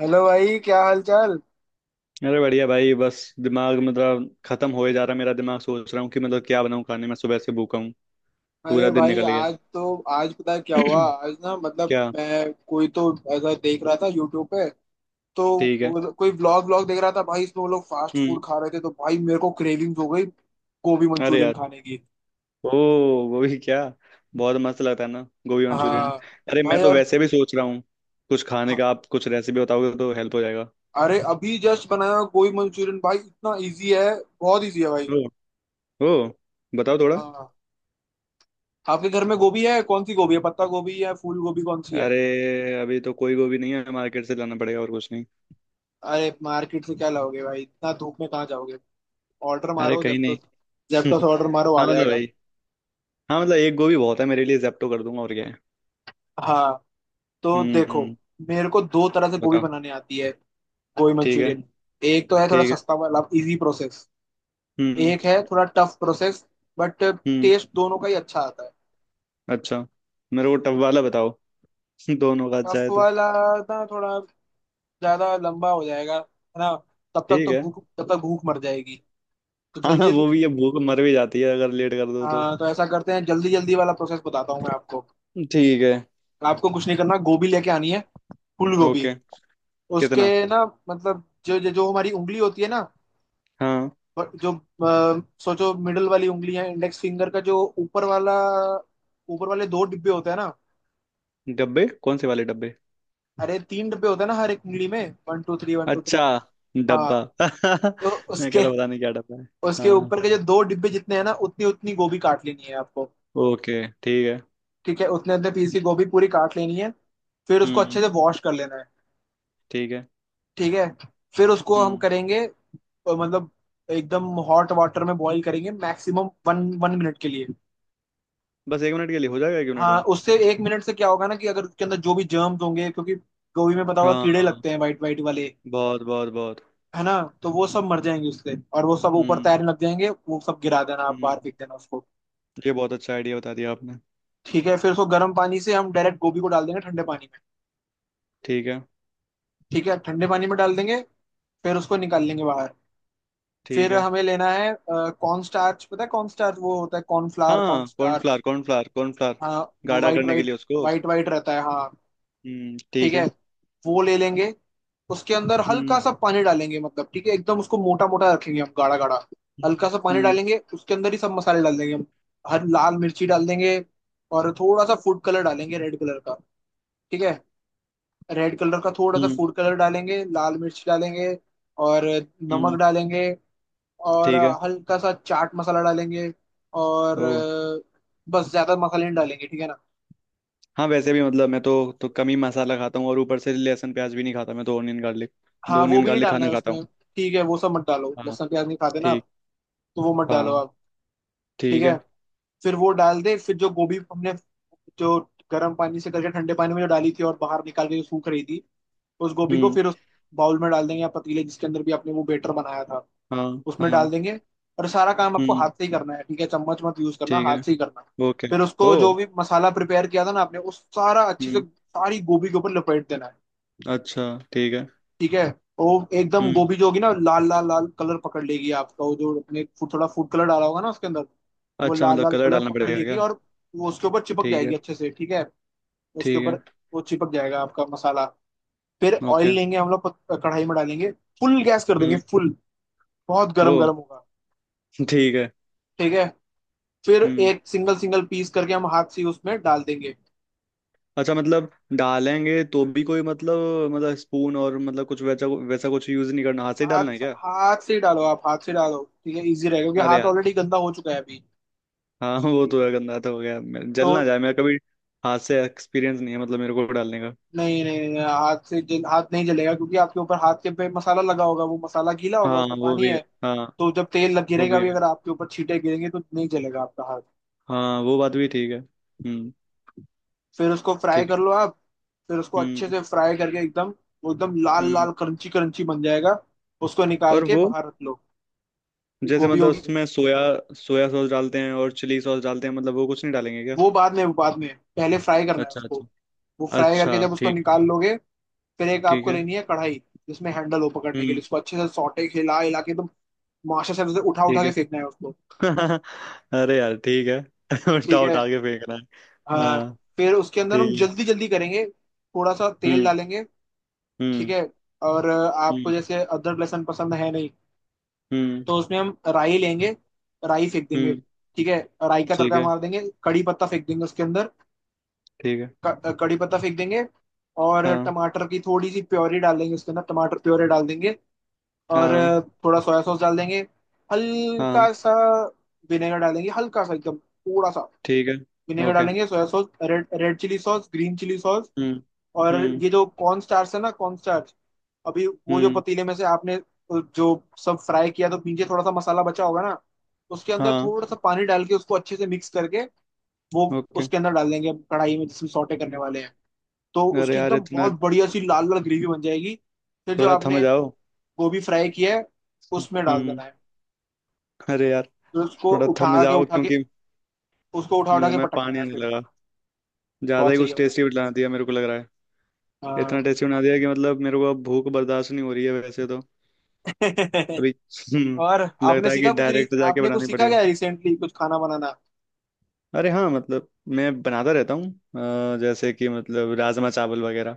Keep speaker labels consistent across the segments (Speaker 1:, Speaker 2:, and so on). Speaker 1: Hello भाई, क्या हाल चाल?
Speaker 2: अरे बढ़िया भाई। बस दिमाग मतलब खत्म होए जा रहा है मेरा दिमाग। सोच रहा हूँ कि मतलब क्या बनाऊँ खाने में। सुबह से भूखा हूँ। पूरा
Speaker 1: अरे
Speaker 2: दिन
Speaker 1: भाई,
Speaker 2: निकल गया।
Speaker 1: आज पता है क्या हुआ। आज ना मतलब
Speaker 2: क्या?
Speaker 1: मैं कोई तो ऐसा देख रहा था यूट्यूब पे। तो
Speaker 2: ठीक है।
Speaker 1: कोई व्लॉग व्लॉग देख रहा था भाई, इसमें वो लोग फास्ट
Speaker 2: हम्म।
Speaker 1: फूड खा रहे थे, तो भाई मेरे को क्रेविंग्स हो गई गोभी
Speaker 2: अरे
Speaker 1: मंचूरियन
Speaker 2: यार।
Speaker 1: खाने की।
Speaker 2: ओ। गोभी क्या? बहुत मस्त लगता है ना, गोभी मंचूरियन।
Speaker 1: हाँ
Speaker 2: अरे मैं
Speaker 1: भाई,
Speaker 2: तो
Speaker 1: और
Speaker 2: वैसे भी सोच रहा हूँ कुछ खाने
Speaker 1: हाँ,
Speaker 2: का। आप कुछ रेसिपी बताओगे तो हेल्प हो जाएगा।
Speaker 1: अरे अभी जस्ट बनाया गोभी मंचूरियन भाई, इतना इजी है, बहुत इजी है भाई।
Speaker 2: ओ। ओ। बताओ थोड़ा।
Speaker 1: हाँ, आपके घर में गोभी है? कौन सी गोभी है, पत्ता गोभी है, फूल गोभी, कौन सी है?
Speaker 2: अरे अभी तो कोई गोभी नहीं है, मार्केट से लाना पड़ेगा और कुछ नहीं।
Speaker 1: अरे मार्केट से क्या लाओगे भाई, इतना धूप में कहाँ जाओगे। ऑर्डर
Speaker 2: अरे
Speaker 1: मारो
Speaker 2: कहीं
Speaker 1: जेप्टो।
Speaker 2: नहीं।
Speaker 1: जेप्टो से ऑर्डर मारो, आ
Speaker 2: हाँ मतलब
Speaker 1: जाएगा।
Speaker 2: भाई। हाँ मतलब एक गोभी बहुत है मेरे लिए, जेप्टो कर दूंगा और क्या है।
Speaker 1: हाँ तो देखो,
Speaker 2: हम्म।
Speaker 1: मेरे को दो तरह से गोभी
Speaker 2: बताओ।
Speaker 1: बनाने आती है, गोभी
Speaker 2: ठीक है।
Speaker 1: मंचूरियन। एक तो है थोड़ा
Speaker 2: ठीक है।
Speaker 1: सस्ता वाला, इजी प्रोसेस।
Speaker 2: हम्म।
Speaker 1: एक है थोड़ा टफ प्रोसेस, बट
Speaker 2: हम्म।
Speaker 1: टेस्ट दोनों का ही अच्छा आता है।
Speaker 2: अच्छा। मेरे को टब वाला बताओ। दोनों का अच्छा
Speaker 1: टफ
Speaker 2: है तो।
Speaker 1: वाला ना थोड़ा ज्यादा लंबा हो जाएगा, है ना। तब तक
Speaker 2: ठीक
Speaker 1: तो
Speaker 2: है।
Speaker 1: भूख तब तक भूख मर जाएगी। तो
Speaker 2: हाँ हाँ,
Speaker 1: जल्दी जल्दी।
Speaker 2: वो भी है, भूख मर भी जाती है अगर लेट कर दो तो।
Speaker 1: हाँ तो ऐसा करते हैं, जल्दी जल्दी वाला प्रोसेस बताता हूँ मैं आपको।
Speaker 2: ठीक है।
Speaker 1: आपको कुछ नहीं करना, गोभी लेके आनी है, फूल गोभी।
Speaker 2: ओके।
Speaker 1: उसके
Speaker 2: कितना?
Speaker 1: ना, मतलब जो जो जो हमारी उंगली होती है ना।
Speaker 2: हाँ।
Speaker 1: और जो सोचो, मिडल वाली उंगली है, इंडेक्स फिंगर का जो ऊपर वाला, ऊपर वाले दो डिब्बे होते हैं ना।
Speaker 2: डब्बे कौन से वाले डब्बे?
Speaker 1: अरे तीन डिब्बे होते हैं ना हर एक उंगली में, one two three, one two three.
Speaker 2: अच्छा।
Speaker 1: हाँ
Speaker 2: डब्बा?
Speaker 1: तो
Speaker 2: मैं कह
Speaker 1: उसके,
Speaker 2: रहा पता नहीं क्या डब्बा है।
Speaker 1: उसके
Speaker 2: हाँ।
Speaker 1: ऊपर के जो दो डिब्बे जितने हैं ना, उतनी उतनी गोभी काट लेनी है आपको।
Speaker 2: ओके ठीक है।
Speaker 1: ठीक है, उतने उतने पीस की गोभी पूरी काट लेनी है। फिर उसको
Speaker 2: हम्म।
Speaker 1: अच्छे से वॉश कर लेना है।
Speaker 2: ठीक है।
Speaker 1: ठीक है, फिर उसको हम
Speaker 2: हम्म।
Speaker 1: करेंगे मतलब एकदम हॉट वाटर में बॉईल करेंगे, मैक्सिमम वन वन मिनट के लिए।
Speaker 2: बस 1 मिनट के लिए हो जाएगा 1 मिनट
Speaker 1: हाँ,
Speaker 2: में?
Speaker 1: उससे 1 मिनट से क्या होगा ना, कि अगर उसके अंदर जो भी जर्म्स होंगे, क्योंकि गोभी में पता होगा
Speaker 2: हाँ।
Speaker 1: कीड़े लगते हैं, वाइट वाइट वाले,
Speaker 2: बहुत बहुत बहुत।
Speaker 1: है ना। तो वो सब मर जाएंगे उससे, और वो सब ऊपर
Speaker 2: हम्म।
Speaker 1: तैरने लग जाएंगे, वो सब गिरा देना आप,
Speaker 2: हम्म।
Speaker 1: बाहर फेंक देना उसको।
Speaker 2: ये बहुत अच्छा आइडिया बता दिया आपने।
Speaker 1: ठीक है, फिर उसको गर्म पानी से हम डायरेक्ट गोभी को डाल देंगे ठंडे पानी में।
Speaker 2: ठीक है।
Speaker 1: ठीक है, ठंडे पानी में डाल देंगे, फिर उसको निकाल लेंगे बाहर।
Speaker 2: ठीक
Speaker 1: फिर
Speaker 2: है।
Speaker 1: हमें लेना है कॉर्न स्टार्च, पता है कॉर्न स्टार्च? वो होता है कॉर्न फ्लावर, कॉर्न
Speaker 2: हाँ,
Speaker 1: स्टार्च।
Speaker 2: Cornflour cornflour cornflour.
Speaker 1: हाँ, वो
Speaker 2: गाढ़ा
Speaker 1: वाइट
Speaker 2: करने के
Speaker 1: वाइट,
Speaker 2: लिए उसको।
Speaker 1: वाइट वाइट रहता है, हाँ। ठीक
Speaker 2: ठीक
Speaker 1: है,
Speaker 2: है।
Speaker 1: वो ले लेंगे। उसके अंदर हल्का
Speaker 2: हम्म
Speaker 1: सा पानी डालेंगे, मतलब ठीक है एकदम उसको मोटा मोटा रखेंगे हम, गाढ़ा गाढ़ा। हल्का
Speaker 2: हम्म।
Speaker 1: सा पानी
Speaker 2: हम्म।
Speaker 1: डालेंगे, उसके अंदर ही सब मसाले डाल देंगे हम। हर लाल मिर्ची डाल देंगे, और थोड़ा सा फूड कलर डालेंगे रेड कलर का। ठीक है, रेड कलर का थोड़ा सा
Speaker 2: हम्म।
Speaker 1: फूड कलर डालेंगे, लाल मिर्च डालेंगे, और नमक
Speaker 2: हम्म,
Speaker 1: डालेंगे, और
Speaker 2: ठीक है।
Speaker 1: हल्का सा चाट मसाला डालेंगे। और
Speaker 2: ओ।
Speaker 1: बस ज्यादा मसाले नहीं डालेंगे, ठीक है ना।
Speaker 2: हाँ वैसे भी मतलब मैं तो कम ही मसाला खाता हूँ, और ऊपर से लहसुन प्याज भी नहीं खाता मैं तो। ऑनियन गार्लिक, दो
Speaker 1: हाँ, वो
Speaker 2: ऑनियन
Speaker 1: भी नहीं
Speaker 2: गार्लिक
Speaker 1: डालना
Speaker 2: खाना
Speaker 1: है
Speaker 2: खाता
Speaker 1: उसमें।
Speaker 2: हूँ।
Speaker 1: ठीक है, वो सब मत डालो,
Speaker 2: हाँ।
Speaker 1: लहसुन प्याज नहीं खाते ना,
Speaker 2: ठीक।
Speaker 1: तो वो मत डालो
Speaker 2: हाँ।
Speaker 1: आप। ठीक
Speaker 2: ठीक
Speaker 1: है,
Speaker 2: है।
Speaker 1: फिर वो डाल दे, फिर जो गोभी हमने, जो गर्म पानी से करके ठंडे पानी में जो डाली थी और बाहर निकाल के जो सूख रही थी, उस गोभी को
Speaker 2: हम्म।
Speaker 1: फिर उस बाउल में डाल देंगे, या पतीले, जिसके अंदर भी आपने वो बेटर बनाया था,
Speaker 2: हाँ।
Speaker 1: उसमें डाल
Speaker 2: हाँ।
Speaker 1: देंगे। और सारा काम आपको
Speaker 2: हम्म।
Speaker 1: हाथ से ही करना है, ठीक है, चम्मच मत यूज करना,
Speaker 2: ठीक
Speaker 1: हाथ
Speaker 2: है।
Speaker 1: से ही करना है।
Speaker 2: ओके।
Speaker 1: फिर
Speaker 2: ओ।
Speaker 1: उसको जो भी मसाला प्रिपेयर किया था ना आपने, उस सारा अच्छे से
Speaker 2: हम्म।
Speaker 1: सारी गोभी के ऊपर लपेट देना है।
Speaker 2: अच्छा। ठीक है।
Speaker 1: ठीक है, वो एकदम
Speaker 2: हम्म।
Speaker 1: गोभी जो होगी ना, लाल लाल लाल कलर पकड़ लेगी, आपका वो जो अपने फूड थोड़ा फूड कलर डाला होगा ना उसके अंदर, वो
Speaker 2: अच्छा
Speaker 1: लाल
Speaker 2: मतलब
Speaker 1: लाल
Speaker 2: कलर
Speaker 1: कलर
Speaker 2: डालना
Speaker 1: पकड़
Speaker 2: पड़ेगा
Speaker 1: लेगी,
Speaker 2: क्या?
Speaker 1: और वो उसके ऊपर चिपक
Speaker 2: ठीक
Speaker 1: जाएगी
Speaker 2: है।
Speaker 1: अच्छे से। ठीक है, उसके
Speaker 2: ठीक
Speaker 1: ऊपर
Speaker 2: है।
Speaker 1: वो चिपक जाएगा आपका मसाला। फिर ऑयल
Speaker 2: ओके।
Speaker 1: लेंगे हम लोग, कढ़ाई में डालेंगे, फुल गैस कर देंगे
Speaker 2: हम्म।
Speaker 1: फुल, बहुत
Speaker 2: ओ।
Speaker 1: गरम गरम होगा।
Speaker 2: ठीक है।
Speaker 1: ठीक है, फिर
Speaker 2: हम्म।
Speaker 1: एक सिंगल सिंगल पीस करके हम हाथ से उसमें डाल देंगे।
Speaker 2: अच्छा मतलब डालेंगे तो भी कोई मतलब स्पून और मतलब कुछ वैसा वैसा कुछ यूज नहीं करना, हाथ से ही डालना है
Speaker 1: हाथ
Speaker 2: क्या?
Speaker 1: हाथ से ही डालो आप, हाथ से डालो, ठीक है, इजी रहेगा, क्योंकि
Speaker 2: अरे
Speaker 1: हाथ
Speaker 2: यार।
Speaker 1: ऑलरेडी गंदा हो चुका है अभी।
Speaker 2: हाँ वो
Speaker 1: ठीक
Speaker 2: तो
Speaker 1: है,
Speaker 2: है, गंदा तो हो गया
Speaker 1: तो
Speaker 2: जल ना जाए मेरा कभी। हाथ से एक्सपीरियंस नहीं है मतलब मेरे को डालने का।
Speaker 1: नहीं नहीं नहीं, हाथ नहीं जलेगा, क्योंकि आपके ऊपर हाथ के पे मसाला लगा होगा, वो मसाला गीला होगा, उस
Speaker 2: हाँ
Speaker 1: पे
Speaker 2: वो
Speaker 1: पानी
Speaker 2: भी है।
Speaker 1: है।
Speaker 2: हाँ
Speaker 1: तो जब तेल लग
Speaker 2: वो
Speaker 1: गिरेगा
Speaker 2: भी
Speaker 1: भी,
Speaker 2: है।
Speaker 1: अगर आपके ऊपर छींटे गिरेंगे, तो नहीं जलेगा आपका हाथ।
Speaker 2: हाँ वो बात भी ठीक है। हम्म।
Speaker 1: फिर उसको फ्राई
Speaker 2: ठीक
Speaker 1: कर
Speaker 2: है।
Speaker 1: लो आप, फिर उसको अच्छे
Speaker 2: हम्म।
Speaker 1: से फ्राई करके एकदम, वो एकदम लाल
Speaker 2: हम्म।
Speaker 1: लाल क्रंची क्रंची बन जाएगा। उसको निकाल
Speaker 2: और
Speaker 1: के
Speaker 2: वो
Speaker 1: बाहर रख लो,
Speaker 2: जैसे
Speaker 1: गोभी
Speaker 2: मतलब
Speaker 1: होगी।
Speaker 2: उसमें सोया सोया सॉस डालते हैं और चिली सॉस डालते हैं, मतलब वो कुछ नहीं डालेंगे क्या?
Speaker 1: वो बाद में, वो बाद में, पहले फ्राई करना है
Speaker 2: अच्छा
Speaker 1: उसको।
Speaker 2: अच्छा।
Speaker 1: वो फ्राई
Speaker 2: अच्छा
Speaker 1: करके जब उसको
Speaker 2: ठीक।
Speaker 1: निकाल लोगे, फिर एक
Speaker 2: ठीक
Speaker 1: आपको
Speaker 2: है।
Speaker 1: लेनी है कढ़ाई जिसमें हैंडल हो पकड़ने के
Speaker 2: हम्म।
Speaker 1: लिए, उसको अच्छे से सौटे हिला हिला के एकदम, मास्टर से उठा उठा
Speaker 2: ठीक
Speaker 1: के फेंकना है उसको।
Speaker 2: है। अरे यार ठीक है। उल्टा
Speaker 1: ठीक है,
Speaker 2: उठा के फेंकना है?
Speaker 1: हाँ,
Speaker 2: हाँ।
Speaker 1: फिर उसके अंदर हम
Speaker 2: ठीक है।
Speaker 1: जल्दी जल्दी करेंगे, थोड़ा सा तेल
Speaker 2: हम्म।
Speaker 1: डालेंगे, ठीक
Speaker 2: हम्म।
Speaker 1: है, और आपको
Speaker 2: हम्म।
Speaker 1: जैसे अदरक लहसुन पसंद है नहीं,
Speaker 2: हम्म।
Speaker 1: तो उसमें हम राई लेंगे, राई फेंक देंगे।
Speaker 2: हम्म।
Speaker 1: ठीक है, राई का
Speaker 2: ठीक
Speaker 1: तड़का
Speaker 2: है।
Speaker 1: मार देंगे, कड़ी पत्ता फेंक देंगे उसके अंदर,
Speaker 2: ठीक है।
Speaker 1: कड़ी पत्ता फेंक देंगे, और
Speaker 2: हाँ।
Speaker 1: टमाटर की थोड़ी सी प्योरी डाल देंगे उसके अंदर, टमाटर प्योरी डाल देंगे, और
Speaker 2: हाँ।
Speaker 1: थोड़ा सोया सॉस डाल देंगे,
Speaker 2: हाँ।
Speaker 1: हल्का सा, विनेगर डालेंगे हल्का सा एकदम, थोड़ा सा,
Speaker 2: ठीक है।
Speaker 1: Vinegar
Speaker 2: okay.
Speaker 1: डालेंगे, soya sauce, red red chilli sauce, green chilli sauce.
Speaker 2: हम्म।
Speaker 1: और
Speaker 2: हम्म।
Speaker 1: ये जो कॉर्न स्टार्च है ना, कॉर्न स्टार्च, अभी वो जो
Speaker 2: हम्म।
Speaker 1: पतीले में से आपने, जो सब फ्राई किया, तो नीचे थोड़ा सा मसाला बचा होगा ना, उसके अंदर
Speaker 2: हाँ।
Speaker 1: थोड़ा सा पानी डाल के उसको अच्छे से मिक्स करके वो
Speaker 2: ओके।
Speaker 1: उसके अंदर डाल देंगे कढ़ाई में, जिसमें सौटे करने वाले हैं। तो
Speaker 2: अरे
Speaker 1: उसकी
Speaker 2: यार
Speaker 1: एकदम
Speaker 2: इतना!
Speaker 1: बहुत बढ़िया सी लाल लाल ग्रेवी बन जाएगी। फिर जो
Speaker 2: थोड़ा थम
Speaker 1: आपने
Speaker 2: जाओ।
Speaker 1: गोभी फ्राई किया है, उसमें डाल
Speaker 2: हम्म।
Speaker 1: देना है।
Speaker 2: अरे यार
Speaker 1: फिर उसको
Speaker 2: थोड़ा थम
Speaker 1: उठा के
Speaker 2: जाओ
Speaker 1: उठा के,
Speaker 2: क्योंकि
Speaker 1: उसको उठा उठा
Speaker 2: मुंह
Speaker 1: के
Speaker 2: में
Speaker 1: पटकना
Speaker 2: पानी
Speaker 1: है
Speaker 2: आने
Speaker 1: फिर।
Speaker 2: लगा। ज्यादा
Speaker 1: बहुत
Speaker 2: ही
Speaker 1: सही है
Speaker 2: कुछ
Speaker 1: भाई,
Speaker 2: टेस्टी बना दिया मेरे को लग रहा है।
Speaker 1: हाँ
Speaker 2: इतना टेस्टी बना दिया कि मतलब मेरे को अब भूख बर्दाश्त नहीं हो रही है वैसे तो। अभी हम्म,
Speaker 1: और
Speaker 2: लगता है कि डायरेक्ट जाके
Speaker 1: आपने कुछ
Speaker 2: बनानी
Speaker 1: सीखा
Speaker 2: पड़ेगा।
Speaker 1: क्या रिसेंटली, कुछ खाना बनाना?
Speaker 2: अरे हाँ मतलब मैं बनाता रहता हूँ। जैसे कि मतलब राजमा चावल वगैरह।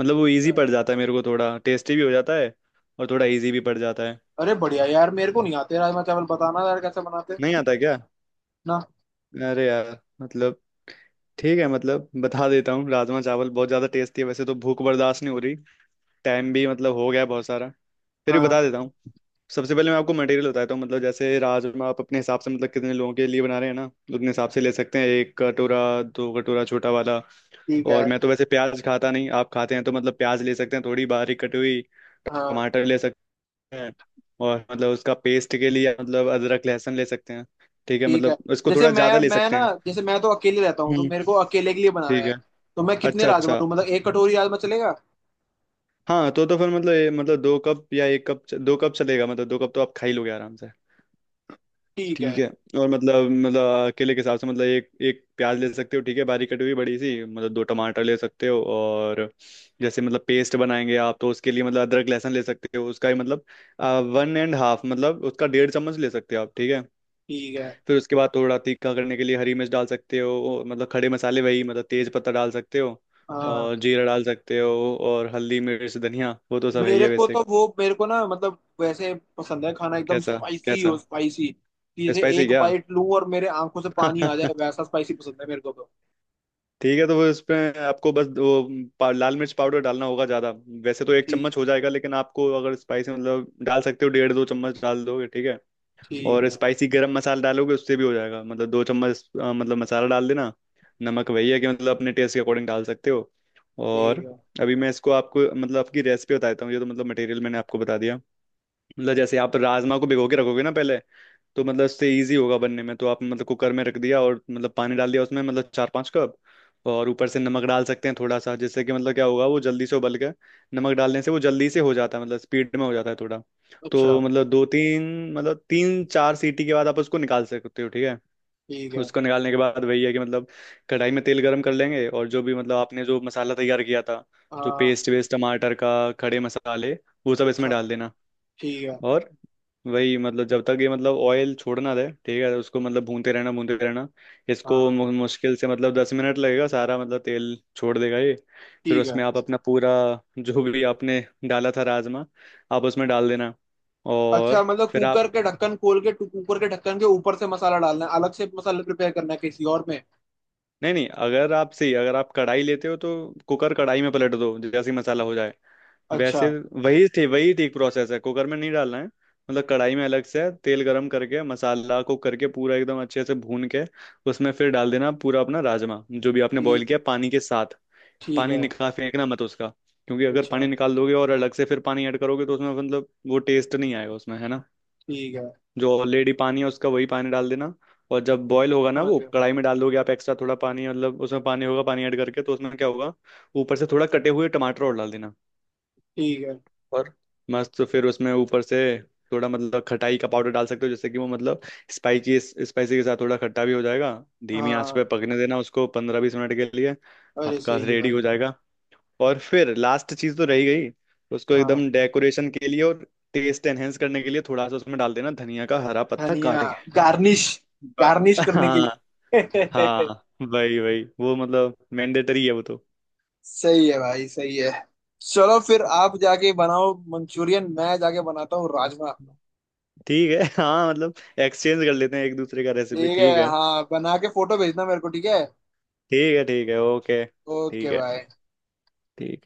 Speaker 2: मतलब वो इजी पड़ जाता है मेरे को, थोड़ा टेस्टी भी हो जाता है और थोड़ा इजी भी पड़ जाता है।
Speaker 1: अरे बढ़िया यार, मेरे को नहीं आते राजमा चावल, बताना यार कैसे बनाते
Speaker 2: नहीं
Speaker 1: हैं।
Speaker 2: आता क्या?
Speaker 1: ना।
Speaker 2: अरे यार मतलब ठीक है, मतलब बता देता हूँ। राजमा चावल बहुत ज़्यादा टेस्टी है। वैसे तो भूख बर्दाश्त नहीं हो रही, टाइम भी मतलब हो गया है बहुत सारा, फिर भी
Speaker 1: हाँ,
Speaker 2: बता देता हूँ। सबसे पहले मैं आपको मटेरियल बताता हूँ। मतलब जैसे राजमा आप अपने हिसाब से मतलब कितने लोगों के लिए बना रहे हैं ना, तो उतने हिसाब से ले सकते हैं। एक कटोरा, दो कटोरा छोटा वाला।
Speaker 1: ठीक
Speaker 2: और
Speaker 1: है।
Speaker 2: मैं तो वैसे प्याज खाता नहीं, आप खाते हैं तो मतलब प्याज ले सकते हैं थोड़ी बारीक कटी हुई।
Speaker 1: हाँ,
Speaker 2: टमाटर ले सकते हैं। और मतलब उसका पेस्ट के लिए मतलब अदरक लहसुन ले सकते हैं। ठीक है,
Speaker 1: ठीक है।
Speaker 2: मतलब इसको
Speaker 1: जैसे
Speaker 2: थोड़ा
Speaker 1: मैं
Speaker 2: ज़्यादा ले
Speaker 1: मैं
Speaker 2: सकते
Speaker 1: ना,
Speaker 2: हैं।
Speaker 1: जैसे मैं तो अकेले रहता हूँ, तो
Speaker 2: हम्म।
Speaker 1: मेरे को अकेले के लिए बनाना
Speaker 2: ठीक
Speaker 1: है।
Speaker 2: है।
Speaker 1: तो मैं कितने
Speaker 2: अच्छा
Speaker 1: राजमा
Speaker 2: अच्छा।
Speaker 1: लूँ, मतलब एक कटोरी राजमा चलेगा?
Speaker 2: हाँ, तो फिर मतलब मतलब दो कप या एक कप, दो कप चलेगा, मतलब दो कप तो आप खा ही लोगे आराम से।
Speaker 1: ठीक
Speaker 2: ठीक
Speaker 1: है।
Speaker 2: है। और मतलब अकेले के हिसाब से मतलब एक एक प्याज ले सकते हो। ठीक है, बारीक कटी हुई बड़ी सी। मतलब 2 टमाटर ले सकते हो। और जैसे मतलब पेस्ट बनाएंगे आप, तो उसके लिए मतलब अदरक लहसुन ले सकते हो, उसका ही मतलब 1.5, मतलब उसका 1.5 चम्मच ले सकते हो आप। ठीक है।
Speaker 1: ठीक है,
Speaker 2: फिर उसके बाद थोड़ा तीखा करने के लिए हरी मिर्च डाल सकते हो। और मतलब खड़े मसाले, वही मतलब तेज पत्ता डाल सकते हो।
Speaker 1: हाँ।
Speaker 2: और जीरा डाल सकते हो, और हल्दी मिर्च धनिया वो तो सब है ही है वैसे।
Speaker 1: मेरे को ना मतलब वैसे पसंद है खाना एकदम
Speaker 2: कैसा?
Speaker 1: स्पाइसी हो,
Speaker 2: कैसा?
Speaker 1: स्पाइसी, कि जैसे
Speaker 2: स्पाइसी
Speaker 1: एक
Speaker 2: क्या?
Speaker 1: बाइट लूँ और मेरे आंखों से पानी आ जाए, वैसा स्पाइसी पसंद है मेरे को तो।
Speaker 2: ठीक है, तो वो इसमें आपको बस वो लाल मिर्च पाउडर डालना होगा ज़्यादा। वैसे तो एक
Speaker 1: ठीक,
Speaker 2: चम्मच हो जाएगा, लेकिन आपको अगर स्पाइसी मतलब डाल सकते हो, 1.5-2 चम्मच डाल दोगे। ठीक है।
Speaker 1: ठीक
Speaker 2: और
Speaker 1: है।
Speaker 2: स्पाइसी, गरम मसाला डालोगे उससे भी हो जाएगा, मतलब 2 चम्मच मतलब मसाला डाल देना। नमक वही है कि मतलब अपने टेस्ट के अकॉर्डिंग डाल सकते हो।
Speaker 1: ठीक
Speaker 2: और
Speaker 1: है,
Speaker 2: अभी मैं इसको आपको मतलब आपकी रेसिपी बताता हूँ, ये तो मतलब मटेरियल मैंने आपको बता दिया। मतलब जैसे आप राजमा को भिगो के रखोगे ना पहले, तो मतलब उससे इजी होगा बनने में। तो आप मतलब कुकर में रख दिया और मतलब पानी डाल दिया उसमें मतलब 4-5 कप। और ऊपर से नमक डाल सकते हैं थोड़ा सा, जिससे कि मतलब क्या होगा वो जल्दी से उबल के। नमक डालने से वो जल्दी से हो जाता है, मतलब स्पीड में हो जाता है थोड़ा।
Speaker 1: अच्छा,
Speaker 2: तो मतलब 2-3 मतलब 3-4 सीटी के बाद आप उसको निकाल सकते हो। ठीक है।
Speaker 1: ठीक है,
Speaker 2: उसको निकालने के बाद वही है कि मतलब कढ़ाई में तेल गरम कर लेंगे, और जो भी मतलब आपने जो मसाला तैयार किया था, जो
Speaker 1: हाँ,
Speaker 2: पेस्ट वेस्ट टमाटर का, खड़े मसाले, वो सब इसमें
Speaker 1: अच्छा,
Speaker 2: डाल देना।
Speaker 1: ठीक है,
Speaker 2: और वही मतलब जब तक ये मतलब ऑयल छोड़ना दे ठीक है, उसको मतलब भूनते रहना भूनते रहना। इसको
Speaker 1: हाँ,
Speaker 2: मुश्किल से मतलब 10 मिनट लगेगा, सारा मतलब तेल छोड़ देगा ये। फिर
Speaker 1: ठीक है।
Speaker 2: उसमें आप अपना पूरा जो भी आपने डाला था राजमा, आप उसमें डाल देना।
Speaker 1: अच्छा,
Speaker 2: और
Speaker 1: मतलब
Speaker 2: फिर आप
Speaker 1: कुकर के ढक्कन खोल के कुकर के ढक्कन के ऊपर से मसाला डालना है, अलग से मसाला प्रिपेयर करना है किसी और में?
Speaker 2: नहीं नहीं, अगर आप सही अगर आप कढ़ाई लेते हो तो कुकर कढ़ाई में पलट दो जैसे ही मसाला हो जाए। वैसे
Speaker 1: अच्छा,
Speaker 2: वही थे वही ठीक प्रोसेस है, कुकर में नहीं डालना है, मतलब कढ़ाई में अलग से तेल गरम करके मसाला कुक करके पूरा एकदम अच्छे से भून के उसमें फिर डाल देना पूरा अपना राजमा, जो भी आपने
Speaker 1: ठी-
Speaker 2: बॉईल किया पानी के साथ।
Speaker 1: ठीक
Speaker 2: पानी
Speaker 1: है,
Speaker 2: निकाल फेंकना मत उसका, क्योंकि अगर पानी
Speaker 1: अच्छा
Speaker 2: निकाल दोगे और अलग से फिर पानी ऐड करोगे तो उसमें मतलब वो टेस्ट नहीं आएगा उसमें है ना।
Speaker 1: ठीक है,
Speaker 2: जो ऑलरेडी पानी है उसका वही पानी डाल देना। और जब बॉईल होगा ना,
Speaker 1: समझ
Speaker 2: वो
Speaker 1: गया,
Speaker 2: कढ़ाई में डाल दोगे आप, एक्स्ट्रा थोड़ा पानी मतलब उसमें पानी होगा, पानी ऐड करके तो उसमें क्या होगा। ऊपर से थोड़ा कटे हुए टमाटर और डाल देना।
Speaker 1: ठीक है,
Speaker 2: और मस्त, तो फिर उसमें ऊपर से थोड़ा मतलब खटाई का पाउडर डाल सकते हो, जिससे कि वो मतलब स्पाइसी स्पाइसी के साथ थोड़ा खट्टा भी हो जाएगा। धीमी आंच
Speaker 1: हाँ।
Speaker 2: पे पकने देना उसको 15-20 मिनट के लिए।
Speaker 1: अरे
Speaker 2: आपका
Speaker 1: सही है
Speaker 2: रेडी हो
Speaker 1: भाई,
Speaker 2: जाएगा। और फिर लास्ट चीज तो रही गई, उसको
Speaker 1: हाँ।
Speaker 2: एकदम डेकोरेशन के लिए और टेस्ट एनहेंस करने के लिए थोड़ा सा उसमें डाल देना धनिया का हरा पत्ता
Speaker 1: धनिया,
Speaker 2: काट के।
Speaker 1: गार्निश। गार्निश करने के
Speaker 2: हाँ।
Speaker 1: लिए
Speaker 2: हाँ। वही वही वो मतलब मैंडेटरी है वो तो।
Speaker 1: सही है भाई, सही है। चलो फिर आप जाके बनाओ मंचूरियन, मैं जाके बनाता हूँ राजमा।
Speaker 2: ठीक है, हाँ मतलब एक्सचेंज कर लेते हैं एक दूसरे का रेसिपी।
Speaker 1: ठीक है,
Speaker 2: ठीक है।
Speaker 1: हाँ, बना के फोटो भेजना मेरे को, ठीक है।
Speaker 2: ठीक है। ठीक है। ओके
Speaker 1: ओके
Speaker 2: ठीक है।
Speaker 1: भाई।
Speaker 2: ठीक है।